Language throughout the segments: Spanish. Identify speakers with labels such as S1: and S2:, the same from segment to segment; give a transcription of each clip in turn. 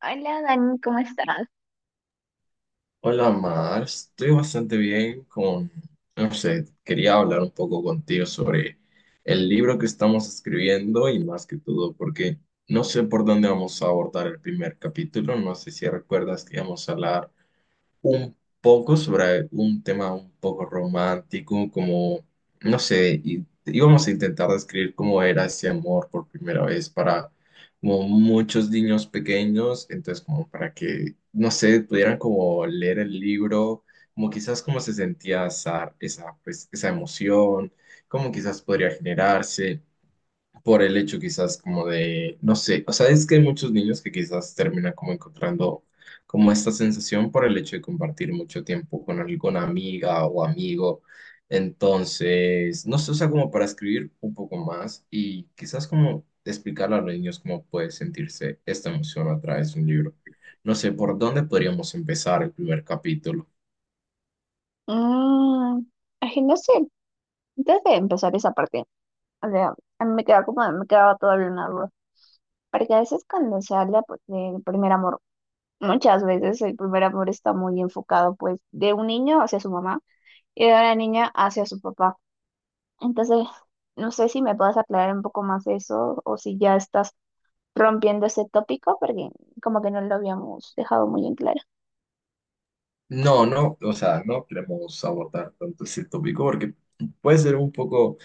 S1: Hola Dani, ¿cómo estás?
S2: Hola Mar, estoy bastante bien con, no sé, quería hablar un poco contigo sobre el libro que estamos escribiendo y más que todo porque no sé por dónde vamos a abordar el primer capítulo. No sé si recuerdas que íbamos a hablar un poco sobre un tema un poco romántico, como, no sé, y íbamos a intentar describir cómo era ese amor por primera vez para como muchos niños pequeños, entonces como para que, no sé, pudieran como leer el libro, como quizás cómo se sentía esa, pues, esa emoción, cómo quizás podría generarse por el hecho quizás como de, no sé, o sea, es que hay muchos niños que quizás terminan como encontrando como esta sensación por el hecho de compartir mucho tiempo con alguna amiga o amigo. Entonces, no sé, o sea, como para escribir un poco más y quizás como explicarle a los niños cómo puede sentirse esta emoción a través de un libro. No sé, ¿por dónde podríamos empezar el primer capítulo?
S1: Mm, es que no sé, antes de empezar esa parte, o sea, a mí me quedaba todavía una duda, porque a veces cuando se habla pues, del primer amor, muchas veces el primer amor está muy enfocado pues de un niño hacia su mamá y de una niña hacia su papá. Entonces, no sé si me puedes aclarar un poco más eso o si ya estás rompiendo ese tópico, porque como que no lo habíamos dejado muy en claro.
S2: No, no, o sea, no queremos abordar tanto ese tópico porque puede ser un poco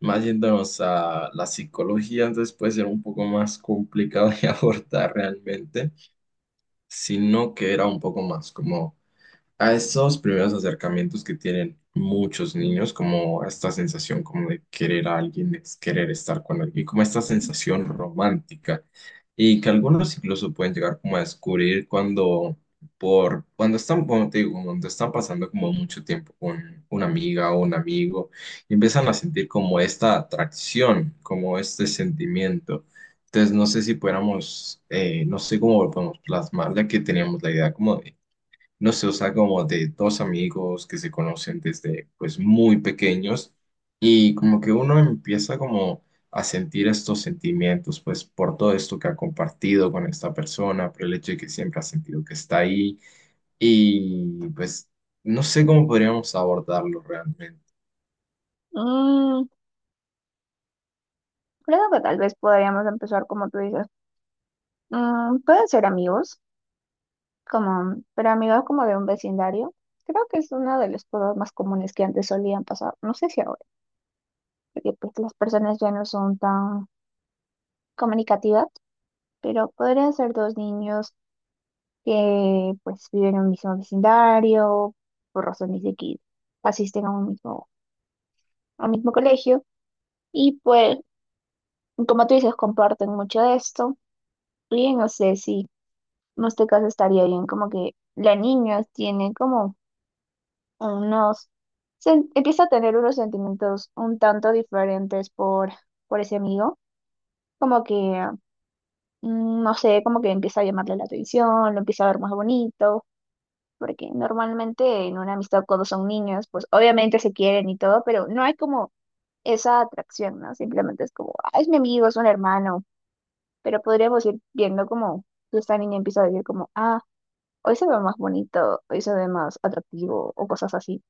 S2: más yéndonos a la psicología, entonces puede ser un poco más complicado de abordar realmente, sino que era un poco más como a estos primeros acercamientos que tienen muchos niños, como esta sensación como de querer a alguien, de querer estar con alguien, como esta sensación romántica, y que algunos incluso pueden llegar como a descubrir cuando, por, cuando están, como te digo, cuando están pasando como mucho tiempo con una amiga o un amigo, y empiezan a sentir como esta atracción, como este sentimiento. Entonces, no sé si pudiéramos, no sé cómo lo podemos plasmar, ya que teníamos la idea como de no sé, o sea, como de dos amigos que se conocen desde pues muy pequeños y como que uno empieza como a sentir estos sentimientos pues por todo esto que ha compartido con esta persona, por el hecho de que siempre ha sentido que está ahí y pues no sé cómo podríamos abordarlo realmente.
S1: Mm, Creo que tal vez podríamos empezar como tú dices. Pueden ser amigos, como, pero amigos como de un vecindario. Creo que es uno de los problemas más comunes que antes solían pasar. No sé si ahora, porque pues, las personas ya no son tan comunicativas, pero podrían ser dos niños que pues viven en un mismo vecindario, por razones de que asisten a un mismo colegio, y pues, como tú dices, comparten mucho de esto. Y no sé si en este caso estaría bien como que la niña tiene como unos, empieza a tener unos sentimientos un tanto diferentes por ese amigo, como que, no sé, como que empieza a llamarle la atención, lo empieza a ver más bonito, porque normalmente en una amistad cuando son niños, pues obviamente se quieren y todo, pero no hay como esa atracción, ¿no? Simplemente es como, ah, es mi amigo, es un hermano, pero podríamos ir viendo como esta niña empieza a decir como, ah, hoy se ve más bonito, hoy se ve más atractivo o cosas así.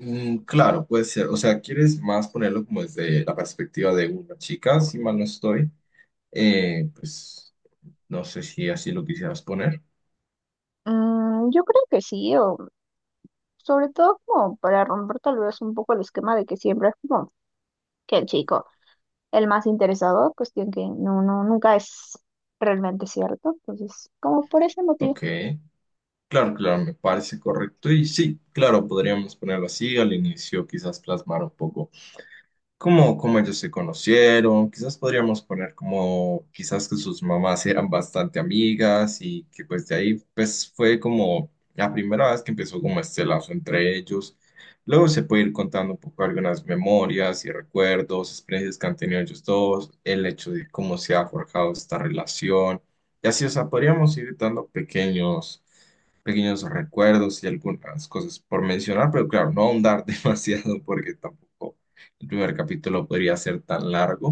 S2: Mm, claro, puede ser, o sea, quieres más ponerlo como desde la perspectiva de una chica, si mal no estoy. Pues no sé si así lo quisieras poner.
S1: Yo creo que sí, o Sobre todo como para romper tal vez un poco el esquema de que siempre es como que el chico, el más interesado, cuestión que no, no, nunca es realmente cierto. Entonces, como por ese motivo.
S2: Ok. Claro, claro, me parece correcto. Y sí, claro, podríamos ponerlo así. Al inicio quizás plasmar un poco cómo, cómo ellos se conocieron. Quizás podríamos poner como, quizás que sus mamás eran bastante amigas y que pues de ahí pues fue como la primera vez que empezó como este lazo entre ellos. Luego se puede ir contando un poco algunas memorias y recuerdos, experiencias que han tenido ellos dos, el hecho de cómo se ha forjado esta relación. Y así, o sea, podríamos ir dando pequeños, pequeños recuerdos y algunas cosas por mencionar, pero claro, no ahondar demasiado porque tampoco el primer capítulo podría ser tan largo.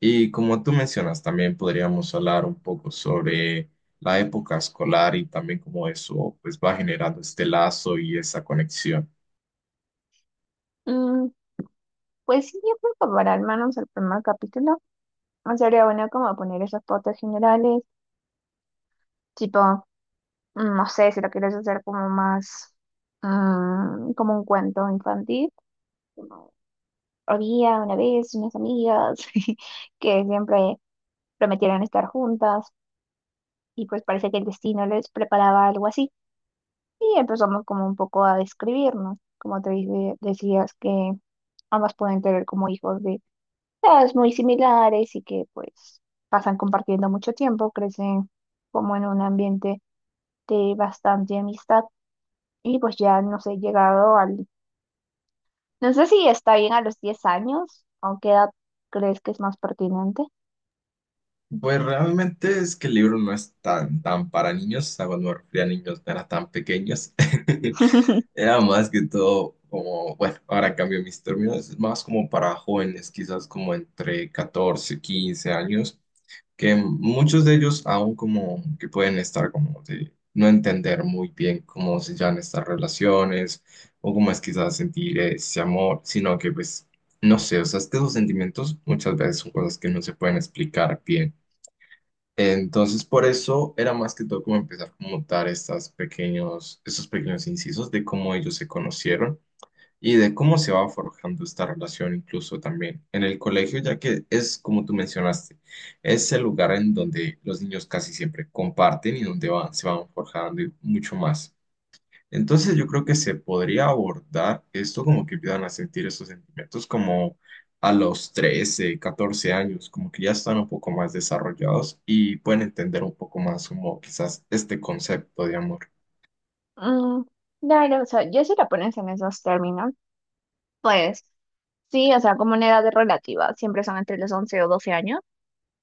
S2: Y como tú mencionas, también podríamos hablar un poco sobre la época escolar y también cómo eso pues va generando este lazo y esa conexión.
S1: Mm, pues sí, yo creo que para al menos el primer capítulo no sería bueno como poner esas fotos generales, tipo, no sé, si lo quieres hacer como más, como un cuento infantil, como había una vez unas amigas que siempre prometieron estar juntas y pues parece que el destino les preparaba algo así. Y empezamos como un poco a describirnos, como decías que ambas pueden tener como hijos de edades muy similares y que pues pasan compartiendo mucho tiempo, crecen como en un ambiente de bastante amistad y pues ya no sé, llegado al, no sé si está bien a los 10 años, ¿a qué edad crees que es más pertinente?
S2: Pues realmente es que el libro no es tan, tan para niños, a cuando me refería a niños no era tan pequeños. Era más que todo como, bueno, ahora cambio mis términos, es más como para jóvenes, quizás como entre 14 15 años que muchos de ellos aún como que pueden estar como de no entender muy bien cómo se llaman estas relaciones o cómo es quizás sentir ese amor, sino que pues no sé, o sea, es que esos sentimientos muchas veces son cosas que no se pueden explicar bien. Entonces, por eso era más que todo como empezar como dar estas pequeños, esos pequeños incisos de cómo ellos se conocieron y de cómo se va forjando esta relación incluso también en el colegio, ya que es como tú mencionaste, es el lugar en donde los niños casi siempre comparten y donde van, se van forjando y mucho más. Entonces yo creo que se podría abordar esto como que empiezan a sentir esos sentimientos como a los 13, 14 años, como que ya están un poco más desarrollados y pueden entender un poco más como quizás este concepto de amor.
S1: Mm, no, no, o sea, yo si la pones en esos términos, pues sí, o sea, como en edad relativa, siempre son entre los 11 o 12 años.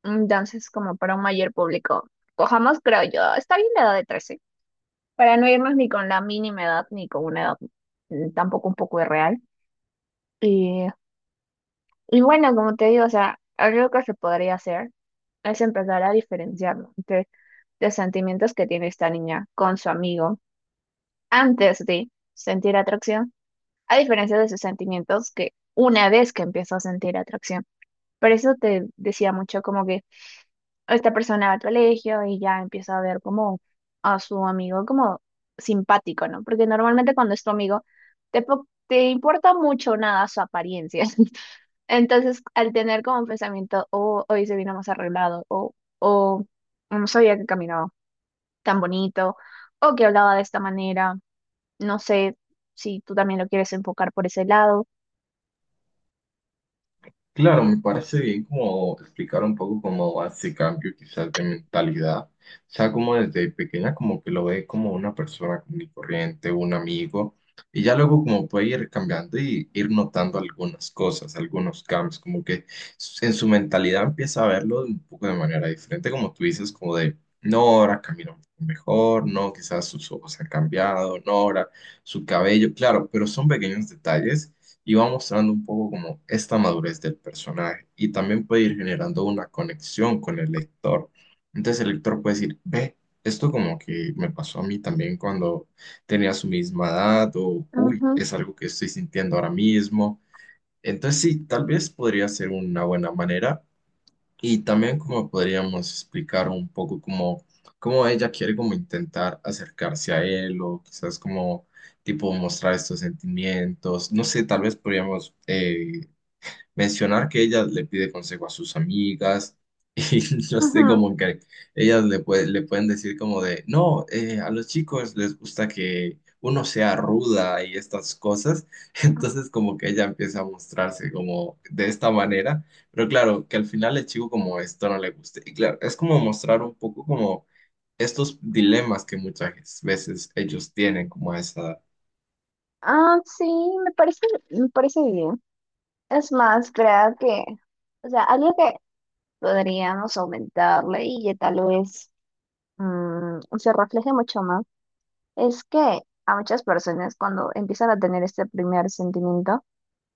S1: Entonces, como para un mayor público, cojamos, creo yo, está bien la edad de 13 para no irnos ni con la mínima edad, ni con una edad tampoco un poco irreal. Y, y bueno, como te digo, o sea, algo que se podría hacer es empezar a diferenciarlo entre los sentimientos que tiene esta niña con su amigo antes de sentir atracción, a diferencia de sus sentimientos que una vez que empiezo a sentir atracción. Por eso te decía mucho como que esta persona al colegio y ya empieza a ver como a su amigo como simpático, ¿no? Porque normalmente cuando es tu amigo, te importa mucho nada su apariencia. Entonces, al tener como un pensamiento, oh, hoy se vino más arreglado, o oh, no sabía que caminaba tan bonito, o que hablaba de esta manera, no sé si tú también lo quieres enfocar por ese lado.
S2: Claro, me parece bien como explicar un poco cómo hace cambio quizás de mentalidad. O sea, como desde pequeña como que lo ve como una persona común y corriente, un amigo, y ya luego como puede ir cambiando y ir notando algunas cosas, algunos cambios, como que s- en su mentalidad empieza a verlo un poco de manera diferente, como tú dices, como de, no, ahora camina un poco mejor, no, quizás sus ojos han cambiado, no, ahora su cabello, claro, pero son pequeños detalles y va mostrando un poco como esta madurez del personaje y también puede ir generando una conexión con el lector. Entonces el lector puede decir, ve, esto como que me pasó a mí también cuando tenía su misma edad o, uy,
S1: Ujú,
S2: es algo que estoy sintiendo ahora mismo. Entonces sí, tal vez podría ser una buena manera y también como podríamos explicar un poco cómo, cómo ella quiere como intentar acercarse a él o quizás como tipo mostrar estos sentimientos. No sé, tal vez podríamos mencionar que ella le pide consejo a sus amigas y yo sé
S1: ujú.
S2: como que ellas le, pue- le pueden decir como de, no, a los chicos les gusta que uno sea ruda y estas cosas, entonces como que ella empieza a mostrarse como de esta manera, pero claro, que al final el chico como esto no le guste y claro, es como mostrar un poco como estos dilemas que muchas veces ellos tienen como a esa
S1: Ah, sí, me parece, me parece bien. Es más, creo que, o sea, algo que podríamos aumentarle y que tal vez se refleje mucho más, es que a muchas personas cuando empiezan a tener este primer sentimiento,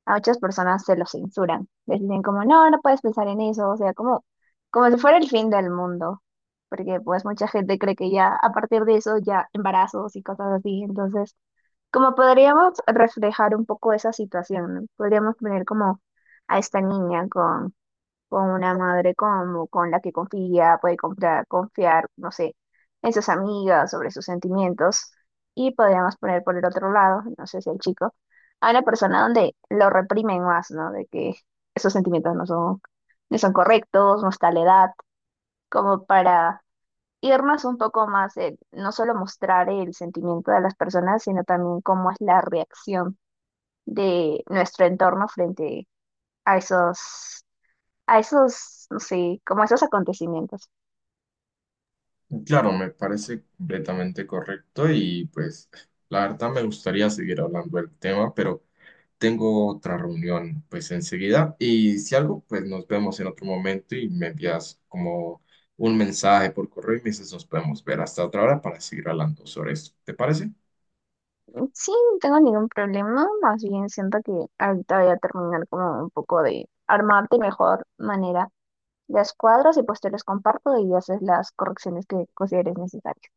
S1: a muchas personas se lo censuran. Les dicen como, no, no puedes pensar en eso, o sea, como, como si fuera el fin del mundo, porque pues mucha gente cree que ya a partir de eso ya embarazos y cosas así, entonces, como podríamos reflejar un poco esa situación, ¿no? Podríamos poner como a esta niña con una madre como con la que confía, puede comprar, confiar, no sé, en sus amigas, sobre sus sentimientos. Y podríamos poner por el otro lado, no sé si el chico, a una persona donde lo reprimen más, ¿no? De que esos sentimientos no son correctos, no está a la edad, como para irnos un poco más, en no solo mostrar el sentimiento de las personas, sino también cómo es la reacción de nuestro entorno frente a esos no sé, como a esos acontecimientos.
S2: Claro, me parece completamente correcto y pues la verdad me gustaría seguir hablando del tema, pero tengo otra reunión pues enseguida y si algo pues nos vemos en otro momento y me envías como un mensaje por correo y me dices nos podemos ver hasta otra hora para seguir hablando sobre esto. ¿Te parece?
S1: Sí, no tengo ningún problema, más bien siento que ahorita voy a terminar como un poco de armar de mejor manera las cuadros y pues te los comparto y haces las correcciones que consideres necesarias.